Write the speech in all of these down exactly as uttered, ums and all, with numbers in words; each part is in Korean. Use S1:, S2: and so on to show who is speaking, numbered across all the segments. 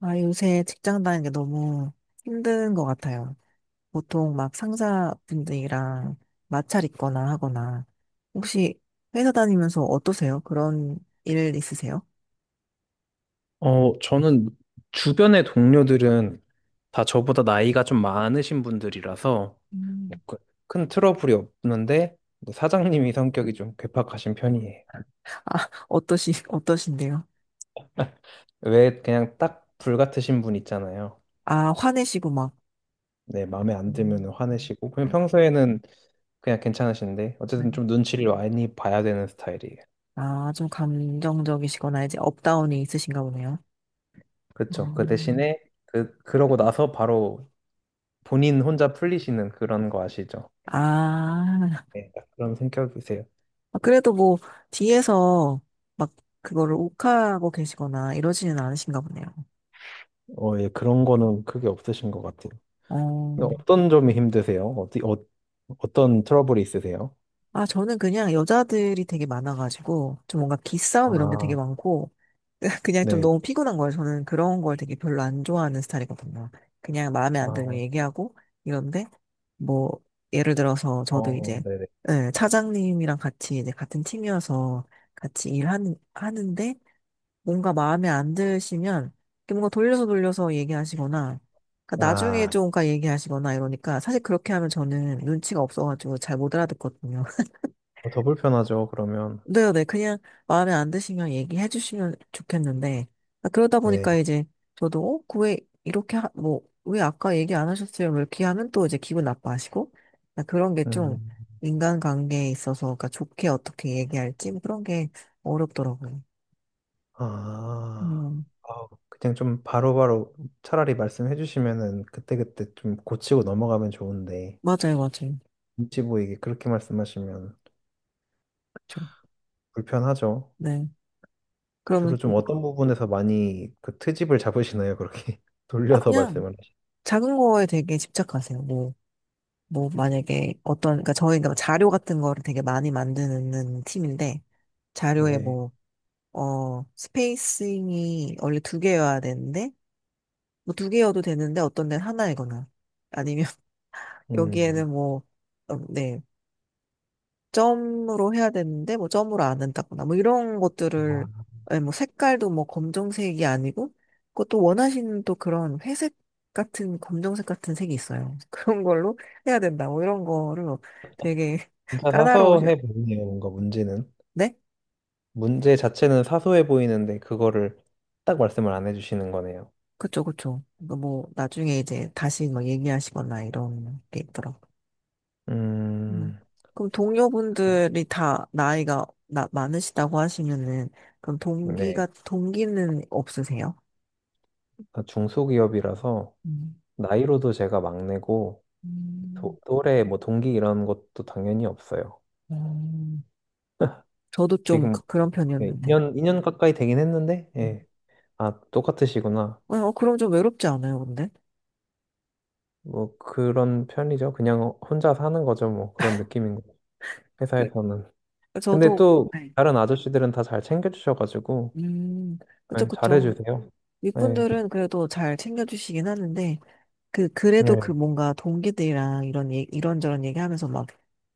S1: 아, 요새 직장 다니는 게 너무 힘든 것 같아요. 보통 막 상사분들이랑 마찰 있거나 하거나, 혹시 회사 다니면서 어떠세요? 그런 일 있으세요?
S2: 어, 저는 주변의 동료들은 다 저보다 나이가 좀 많으신 분들이라서 뭐
S1: 음.
S2: 그, 큰 트러블이 없는데 뭐 사장님이 성격이 좀 괴팍하신 편이에요.
S1: 아, 어떠시, 어떠신데요?
S2: 왜 그냥 딱 불같으신 분 있잖아요.
S1: 아, 화내시고 막.
S2: 네, 마음에 안 들면
S1: 음.
S2: 화내시고 그냥 평소에는 그냥 괜찮으신데
S1: 네.
S2: 어쨌든 좀 눈치를 많이 봐야 되는 스타일이에요.
S1: 아, 좀 감정적이시거나 이제 업다운이 있으신가 보네요.
S2: 그렇죠. 그
S1: 음.
S2: 대신에 그 그러고 나서 바로 본인 혼자 풀리시는 그런 거 아시죠?
S1: 아,
S2: 네, 딱 그런 성격이세요.
S1: 그래도 뭐, 뒤에서 막 그거를 욱하고 계시거나 이러지는 않으신가 보네요.
S2: 어, 예, 그런 거는 크게 없으신 것 같아요. 근데
S1: 어.
S2: 어떤 점이 힘드세요? 어디, 어, 어떤 트러블이 있으세요?
S1: 아, 저는 그냥 여자들이 되게 많아가지고, 좀 뭔가 기싸움 이런 게 되게
S2: 아,
S1: 많고, 그냥 좀
S2: 네.
S1: 너무 피곤한 거예요. 저는 그런 걸 되게 별로 안 좋아하는 스타일이거든요. 그냥 마음에 안 들면
S2: 아,
S1: 얘기하고, 이런데, 뭐, 예를 들어서 저도
S2: 어,
S1: 이제,
S2: 네네.
S1: 예, 차장님이랑 같이 이제 같은 팀이어서 같이 일하는, 하는데, 뭔가 마음에 안 드시면 이렇게 뭔가 돌려서 돌려서 얘기하시거나 그러니까 나중에
S2: 아,
S1: 좀가 얘기하시거나 이러니까 사실 그렇게 하면 저는 눈치가 없어가지고 잘 못 알아듣거든요.
S2: 어, 더 불편하죠, 그러면.
S1: 네, 네, 그냥 마음에 안 드시면 얘기해 주시면 좋겠는데 아, 그러다 보니까
S2: 네.
S1: 이제 저도 어, 그왜 이렇게 하, 뭐, 왜 아까 얘기 안 하셨어요? 뭐 이렇게 하면 또 이제 기분 나빠하시고 아, 그런 게 좀
S2: 음,
S1: 인간관계에 있어서 그러니까 좋게 어떻게 얘기할지 뭐 그런 게 어렵더라고요.
S2: 아,
S1: 음.
S2: 아, 그냥 좀 바로바로 차라리 말씀해 주시면은 그때그때 좀 고치고 넘어가면 좋은데,
S1: 맞아요, 맞아요.
S2: 눈치 보이게 그렇게 말씀하시면
S1: 그쵸.
S2: 불편하죠.
S1: 네.
S2: 주로
S1: 그러면 또
S2: 좀
S1: 뭐-
S2: 어떤 부분에서 많이 그 트집을 잡으시나요, 그렇게?
S1: 아
S2: 돌려서
S1: 그냥
S2: 말씀을
S1: 작은 거에 되게 집착하세요. 뭐 뭐 만약에 어떤 그러니까 저희가 자료 같은 거를 되게 많이 만드는 팀인데 자료에
S2: 하시는데.
S1: 뭐 어 스페이싱이 원래 두 개여야 되는데 뭐 두 개여도 되는데 어떤 데는 하나이거나 아니면
S2: 음,
S1: 여기에는 뭐네 점으로 해야 되는데 뭐 점으로 안 한다거나 뭐 이런 것들을
S2: 아,
S1: 예, 뭐 색깔도 뭐 검정색이 아니고 그것도 원하시는 또 그런 회색 같은 검정색 같은 색이 있어요. 그런 걸로 해야 된다. 뭐 이런 거를 뭐 되게
S2: 진짜
S1: 까다로우셔.
S2: 사소해 보이네요, 뭔가 문제는.
S1: 네?
S2: 문제 자체는 사소해 보이는데, 그거를 딱 말씀을 안 해주시는 거네요.
S1: 그쵸, 그쵸. 그러니까 뭐 나중에 이제 다시 뭐 얘기하시거나 이런 게 있더라고. 음.
S2: 음,
S1: 그럼 동료분들이 다 나이가 나, 많으시다고 하시면은 그럼 동기가
S2: 네.
S1: 동기는 없으세요?
S2: 그러니까 중소기업이라서,
S1: 음.
S2: 나이로도 제가 막내고, 도-
S1: 음,
S2: 또래, 뭐, 동기 이런 것도 당연히 없어요.
S1: 음. 저도 좀
S2: 지금,
S1: 그- 그런
S2: 네,
S1: 편이었는데.
S2: 이 년, 이 년 가까이 되긴 했는데,
S1: 음.
S2: 예. 아, 똑같으시구나.
S1: 어, 그럼 좀 외롭지 않아요, 근데?
S2: 뭐, 그런 편이죠. 그냥 혼자 사는 거죠, 뭐. 그런 느낌인 거죠. 회사에서는.
S1: 그-
S2: 근데
S1: 저도,
S2: 또,
S1: 네.
S2: 다른 아저씨들은 다 잘 챙겨주셔가지고,
S1: 음, 그쵸,
S2: 네,
S1: 그쵸.
S2: 잘해주세요. 네,
S1: 윗분들은 그래도 잘 챙겨주시긴 하는데, 그, 그래도 그
S2: 네,
S1: 뭔가 동기들이랑 이런, 얘- 이런저런 얘기하면서 막,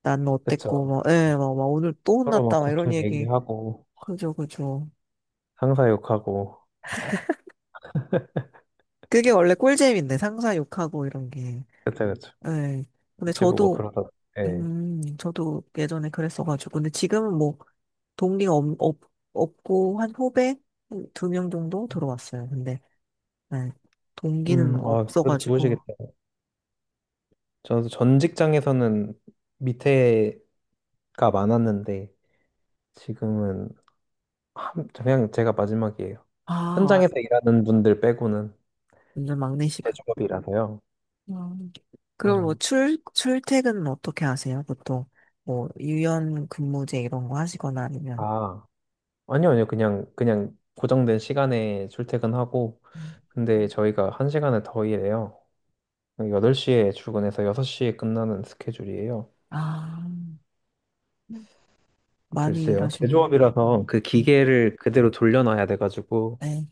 S1: 난 어땠고,
S2: 그쵸.
S1: 막, 예, 막, 막 오늘 또
S2: 서로 막
S1: 혼났다, 막 이런
S2: 고충
S1: 얘기.
S2: 얘기하고,
S1: 그죠, 그죠.
S2: 상사 욕하고,
S1: 그게 원래 꿀잼인데, 상사 욕하고 이런 게.
S2: 그쵸, 그쵸.
S1: 예. 근데
S2: 눈치 보고
S1: 저도
S2: 그러다, 네.
S1: 음, 저도 예전에 그랬어가지고. 근데 지금은 뭐, 동기가 없, 없, 없고, 한 후배? 두 명 정도 들어왔어요. 근데, 네, 동기는
S2: 음, 아, 그래도
S1: 없어가지고.
S2: 좋으시겠다. 저도 전 직장에서는 밑에가 많았는데, 지금은, 한, 그냥 제가 마지막이에요.
S1: 아,
S2: 현장에서 일하는 분들 빼고는
S1: 완전
S2: 대
S1: 막내시군.
S2: 직업이라서요
S1: 음. 그럼 뭐,
S2: 음,
S1: 출, 출퇴근은 어떻게 하세요? 보통, 뭐, 유연 근무제 이런 거 하시거나 아니면.
S2: 아, 아니요, 아니요. 그냥, 그냥 고정된 시간에 출퇴근하고,
S1: 음.
S2: 근데 저희가 한 시간을 더 일해요. 여덟 시에 출근해서 여섯 시에 끝나는 스케줄이에요.
S1: 아, 많이
S2: 글쎄요. 음.
S1: 일하시는
S2: 제조업이라서 그 기계를 그대로 돌려놔야 돼가지고,
S1: 네.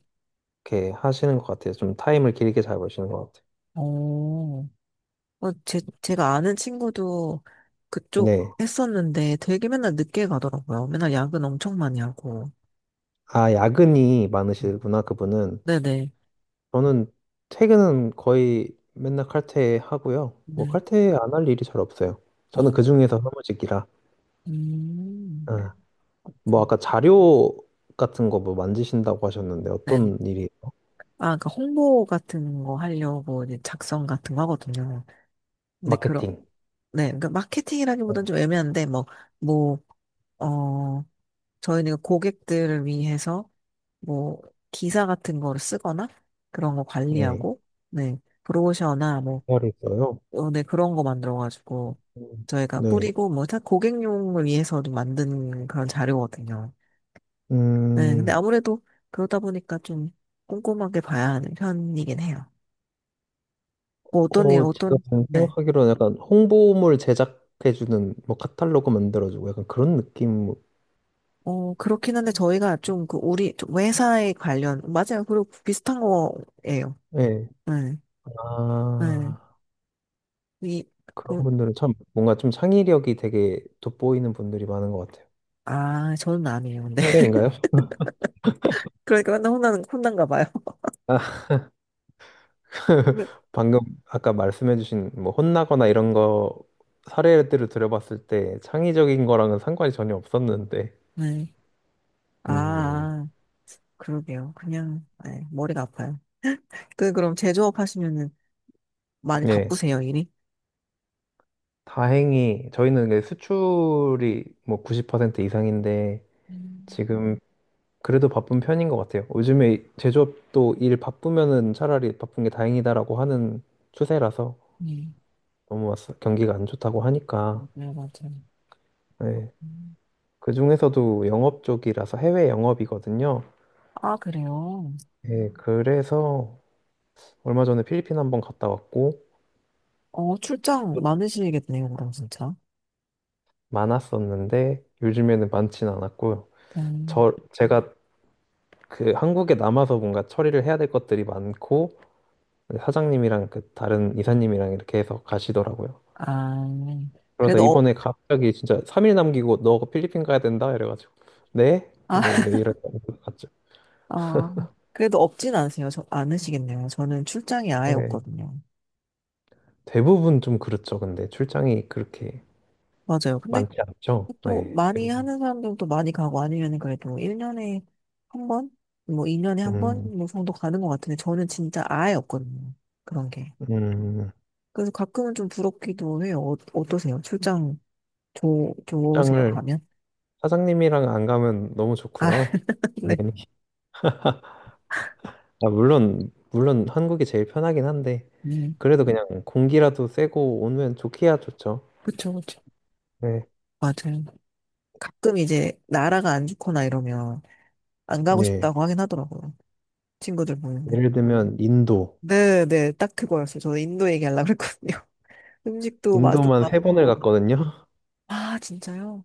S2: 이렇게 하시는 것 같아요. 좀 타임을 길게 잡으시는 것 같아요.
S1: 오오. 어, 제, 제가 아는 친구도 그쪽
S2: 네.
S1: 했었는데 되게 맨날 늦게 가더라고요. 맨날 야근 엄청 많이 하고.
S2: 아, 야근이
S1: 음.
S2: 많으시구나, 그분은.
S1: 네네.
S2: 저는 퇴근은 거의 맨날 칼퇴하고요. 뭐,
S1: 네.
S2: 칼퇴 안 할 일이 잘 없어요. 저는
S1: 어.
S2: 그중에서 사무직이라.
S1: 음.
S2: 아, 뭐,
S1: 그렇군.
S2: 아까 자료 같은 거 뭐 만지신다고 하셨는데,
S1: 네네.
S2: 어떤 일이?
S1: 아, 그러니까 홍보 같은 거 하려고 이제 작성 같은 거 하거든요. 근데 그런
S2: 마케팅.
S1: 네. 그러니까 마케팅이라기보다는 좀 애매한데, 뭐, 뭐, 어, 저희는 고객들을 위해서 뭐, 기사 같은 거를 쓰거나 그런 거
S2: 네.
S1: 관리하고, 네. 브로셔나 뭐,
S2: 잘 있어요.
S1: 어, 네, 그런 거 만들어가지고
S2: 음.
S1: 저희가
S2: 네.
S1: 뿌리고 뭐 다 고객용을 위해서 좀 만든 그런 자료거든요. 네, 근데
S2: 음,
S1: 아무래도 그러다 보니까 좀 꼼꼼하게 봐야 하는 편이긴 해요. 뭐 어떤 일,
S2: 어, 제가
S1: 어떤,
S2: 지금
S1: 네.
S2: 생각하기로는 약간 홍보물 제작해주는, 뭐, 카탈로그 만들어주고 약간 그런 느낌,
S1: 어, 그렇긴 한데 저희가 좀 그 우리 좀 회사에 관련, 맞아요. 그리고 비슷한 거예요.
S2: 예.
S1: 네, 네.
S2: 아,
S1: 이,
S2: 그런
S1: 그,
S2: 분들은 참 뭔가 좀 창의력이 되게 돋보이는 분들이 많은 것 같아요.
S1: 아, 저는 아니에요. 근데.
S2: 편견인가요?
S1: 그러니까 맨날 혼나는, 혼난가 봐요.
S2: 아, 방금 아까 말씀해주신 뭐, 혼나거나 이런 거 사례들을 들어봤을 때 창의적인 거랑은 상관이 전혀 없었는데,
S1: 네. 아,
S2: 음,
S1: 아, 그러게요. 그냥, 네, 머리가 아파요. 그, 그럼 제조업 하시면은 많이
S2: 예.
S1: 바쁘세요, 일이?
S2: 다행히 저희는 이게 수출이 뭐 구십 퍼센트 이상인데,
S1: 음.
S2: 지금 그래도 바쁜 편인 것 같아요. 요즘에 제조업도 일 바쁘면은 차라리 바쁜 게 다행이다라고 하는 추세라서
S1: 음.
S2: 너무 왔어- 경기가 안 좋다고 하니까.
S1: 네, 맞아요, 아.
S2: 네.
S1: 음.
S2: 그중에서도 영업 쪽이라서 해외 영업이거든요.
S1: 아, 그래요?
S2: 네, 그래서 얼마 전에 필리핀 한번 갔다 왔고
S1: 어, 출장 많으시겠네요, 그럼 진짜.
S2: 많았었는데 요즘에는 많진 않았고요.
S1: 음.
S2: 저 제가 그 한국에 남아서 뭔가 처리를 해야 될 것들이 많고 사장님이랑 그 다른 이사님이랑 이렇게 해서 가시더라고요.
S1: 아,
S2: 그러다
S1: 그래도 어.
S2: 이번에 갑자기 진짜 삼 일 남기고 너 필리핀 가야 된다 이래가지고 네?
S1: 아,
S2: 네 이래 이래 갔죠.
S1: 아, 그래도 없진 않으세요. 저, 않으시겠네요. 저는 출장이 아예
S2: 네.
S1: 없거든요.
S2: 대부분 좀 그렇죠. 근데 출장이 그렇게
S1: 맞아요. 근데
S2: 많지 않죠.
S1: 또
S2: 네.
S1: 많이 하는
S2: 대부분.
S1: 사람들도 많이 가고 아니면 그래도 일 년에 한 번? 뭐 이 년에 한 번?
S2: 음,
S1: 뭐 정도 가는 것 같은데 저는 진짜 아예 없거든요. 그런 게.
S2: 음,
S1: 그래서 가끔은 좀 부럽기도 해요. 어, 어떠세요? 출장 좋, 좋으세요,
S2: 출장을
S1: 가면?
S2: 사장님이랑 안 가면 너무
S1: 아,
S2: 좋고요.
S1: 네.
S2: 당연히. 아, 물론 물론 한국이 제일 편하긴 한데
S1: 음,
S2: 그래도 그냥 공기라도 쐬고 오면 좋기야 좋죠.
S1: 그쵸, 그쵸.
S2: 네.
S1: 맞아요. 가끔 이제 나라가 안 좋거나 이러면 안 가고
S2: 네.
S1: 싶다고 하긴 하더라고요. 친구들 보면은.
S2: 예를 들면 인도.
S1: 네, 네, 딱 그거였어요. 저 인도 얘기하려고 그랬거든요. 음식도 맛,
S2: 인도만 세 번을
S1: 맛없고.
S2: 갔거든요.
S1: 아, 진짜요?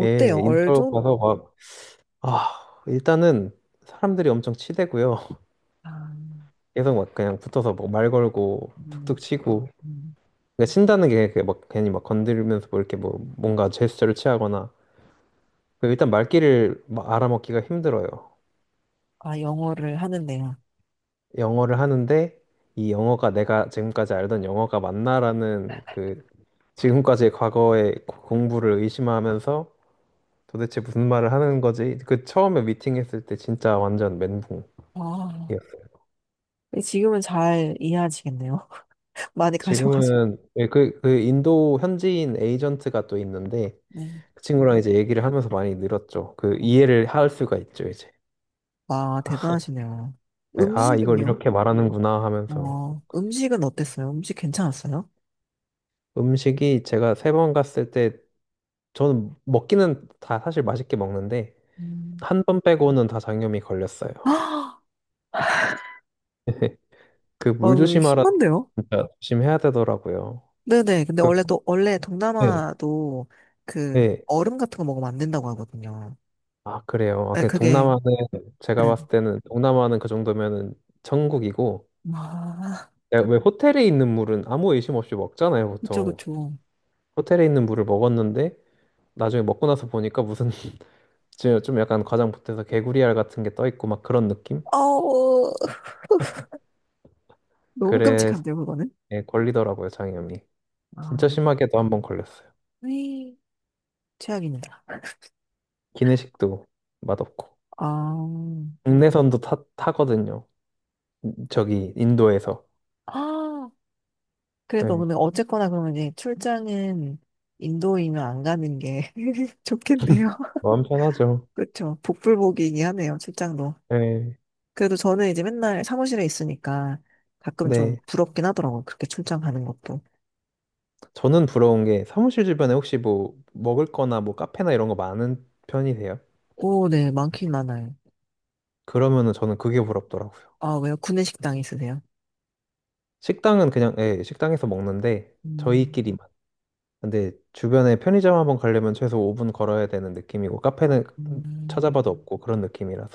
S2: 예, 인도
S1: 얼좀?
S2: 가서 아, 일단은 사람들이 엄청 치대고요.
S1: 아.
S2: 계속 막 그냥 붙어서 막 말 걸고
S1: 음.
S2: 툭툭 치고.
S1: 음.
S2: 그러니까 친다는 게막 괜히 막 건드리면서 뭐 이렇게 뭐 뭔가 제스처를 취하거나. 그 일단 말귀를 막 알아먹기가 힘들어요.
S1: 아, 영어를 하는데요.
S2: 영어를 하는데 이 영어가 내가 지금까지 알던 영어가 맞나라는 그 지금까지의 과거의 고- 공부를 의심하면서 도대체 무슨 말을 하는 거지? 그 처음에 미팅했을 때 진짜 완전 멘붕이었어요.
S1: 아, 근데 지금은 잘 이해하시겠네요. 많이 가셔가지고.
S2: 지금은 예, 그, 그 인도 현지인 에이전트가 또 있는데
S1: 네.
S2: 그 친구랑 이제 얘기를 하면서 많이 늘었죠. 그 이해를 할 수가 있죠, 이제.
S1: 와, 대단하시네요.
S2: 예, 아, 이걸
S1: 음식은요?
S2: 이렇게 말하는구나 하면서
S1: 어, 음식은 어땠어요? 음식 괜찮았어요?
S2: 음식이 제가 세 번 갔을 때 저는 먹기는 다 사실 맛있게 먹는데
S1: 음.
S2: 한 번 빼고는 다 장염이 걸렸어요.
S1: 아,
S2: 그
S1: 아,
S2: 물
S1: 이거
S2: 조심하라
S1: 심한데요?
S2: 진짜 조심해야 되더라고요.
S1: 네네. 근데
S2: 그
S1: 원래 또, 원래
S2: 네
S1: 동남아도 그
S2: 네.
S1: 얼음 같은 거 먹으면 안 된다고 하거든요.
S2: 아, 그래요. 아,
S1: 네,
S2: 그
S1: 그게,
S2: 동남아는 제가
S1: 네.
S2: 봤을 때는 동남아는 그 정도면은 천국이고
S1: 아,
S2: 야, 왜 호텔에 있는 물은 아무 의심 없이 먹잖아요,
S1: 그쵸,
S2: 보통.
S1: 그쵸.
S2: 호텔에 있는 물을 먹었는데 나중에 먹고 나서 보니까 무슨 지- 좀 약간 과장 보태서 개구리알 같은 게 떠 있고 막 그런 느낌?
S1: 어우, 너무
S2: 그래서
S1: 끔찍한데요, 그거는?
S2: 예, 걸리더라고요, 장염이. 진짜
S1: 아,
S2: 심하게도 한번 걸렸어요.
S1: 네. 최악입니다.
S2: 기내식도 맛없고.
S1: 아,
S2: 국내선도 타, 타거든요. 저기 인도에서.
S1: 아. 그래도
S2: 예,
S1: 근데 어쨌거나 그러면 이제 출장은 인도이면 안 가는 게 좋겠네요.
S2: 마음 편하죠.
S1: 그렇죠. 복불복이긴 하네요, 출장도.
S2: 예.
S1: 그래도 저는 이제 맨날 사무실에 있으니까 가끔 좀
S2: 네.
S1: 부럽긴 하더라고요. 그렇게 출장 가는 것도.
S2: 저는 부러운 게 사무실 주변에 혹시 뭐 먹을 거나 뭐 카페나 이런 거 많은 편이세요?
S1: 오, 네, 많긴 많아요.
S2: 그러면은 저는 그게 부럽더라고요.
S1: 아, 왜요? 구내식당 있으세요?
S2: 식당은 그냥 예, 식당에서 먹는데 음.
S1: 음.
S2: 저희끼리만. 근데 주변에 편의점 한번 가려면 최소 오 분 걸어야 되는 느낌이고 카페는 음.
S1: 음. 음.
S2: 찾아봐도 없고 그런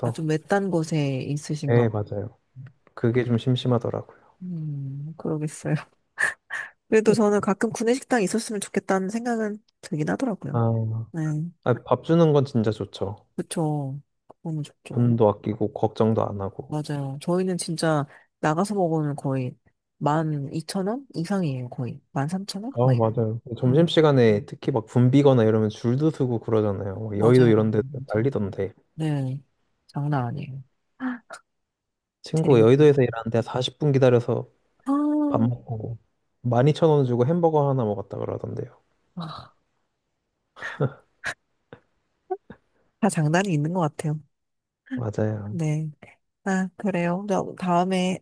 S1: 아, 좀 외딴 곳에 있으신가?
S2: 예,
S1: 봐.
S2: 맞아요. 그게 좀 심심하더라고요.
S1: 음, 그러겠어요. 그래도 저는 가끔 구내식당 있었으면 좋겠다는 생각은 들긴 하더라고요.
S2: 아,
S1: 네,
S2: 아, 밥 주는 건 진짜 좋죠.
S1: 그쵸. 너무 좋죠.
S2: 돈도 아끼고 걱정도 안 하고.
S1: 맞아요. 저희는 진짜 나가서 먹으면 거의 만 이천 원 이상이에요. 거의 만 삼천 원? 막
S2: 아,
S1: 이래요.
S2: 맞아요.
S1: 음,
S2: 점심시간에 특히 막 붐비거나 이러면 줄도 서고 그러잖아요. 막 여의도
S1: 맞아요. 맞아요.
S2: 이런 데
S1: 맞아요.
S2: 난리던데.
S1: 네. 장난 아니에요. 아,
S2: 친구가
S1: 되게.
S2: 여의도에서 일하는데 사십 분 기다려서
S1: 아,
S2: 밥 어, 먹고 만 이천 원 주고 햄버거 하나 먹었다 그러던데요.
S1: 아. 다 장단이 있는 것 같아요.
S2: 맞아요.
S1: 네. 아, 그래요. 나 다음에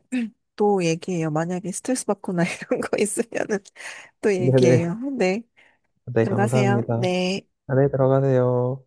S1: 또 얘기해요. 만약에 스트레스 받거나 이런 거 있으면은 또
S2: 네네.
S1: 얘기해요. 네.
S2: 네,
S1: 들어가세요.
S2: 감사합니다.
S1: 네.
S2: 안에 들어가세요.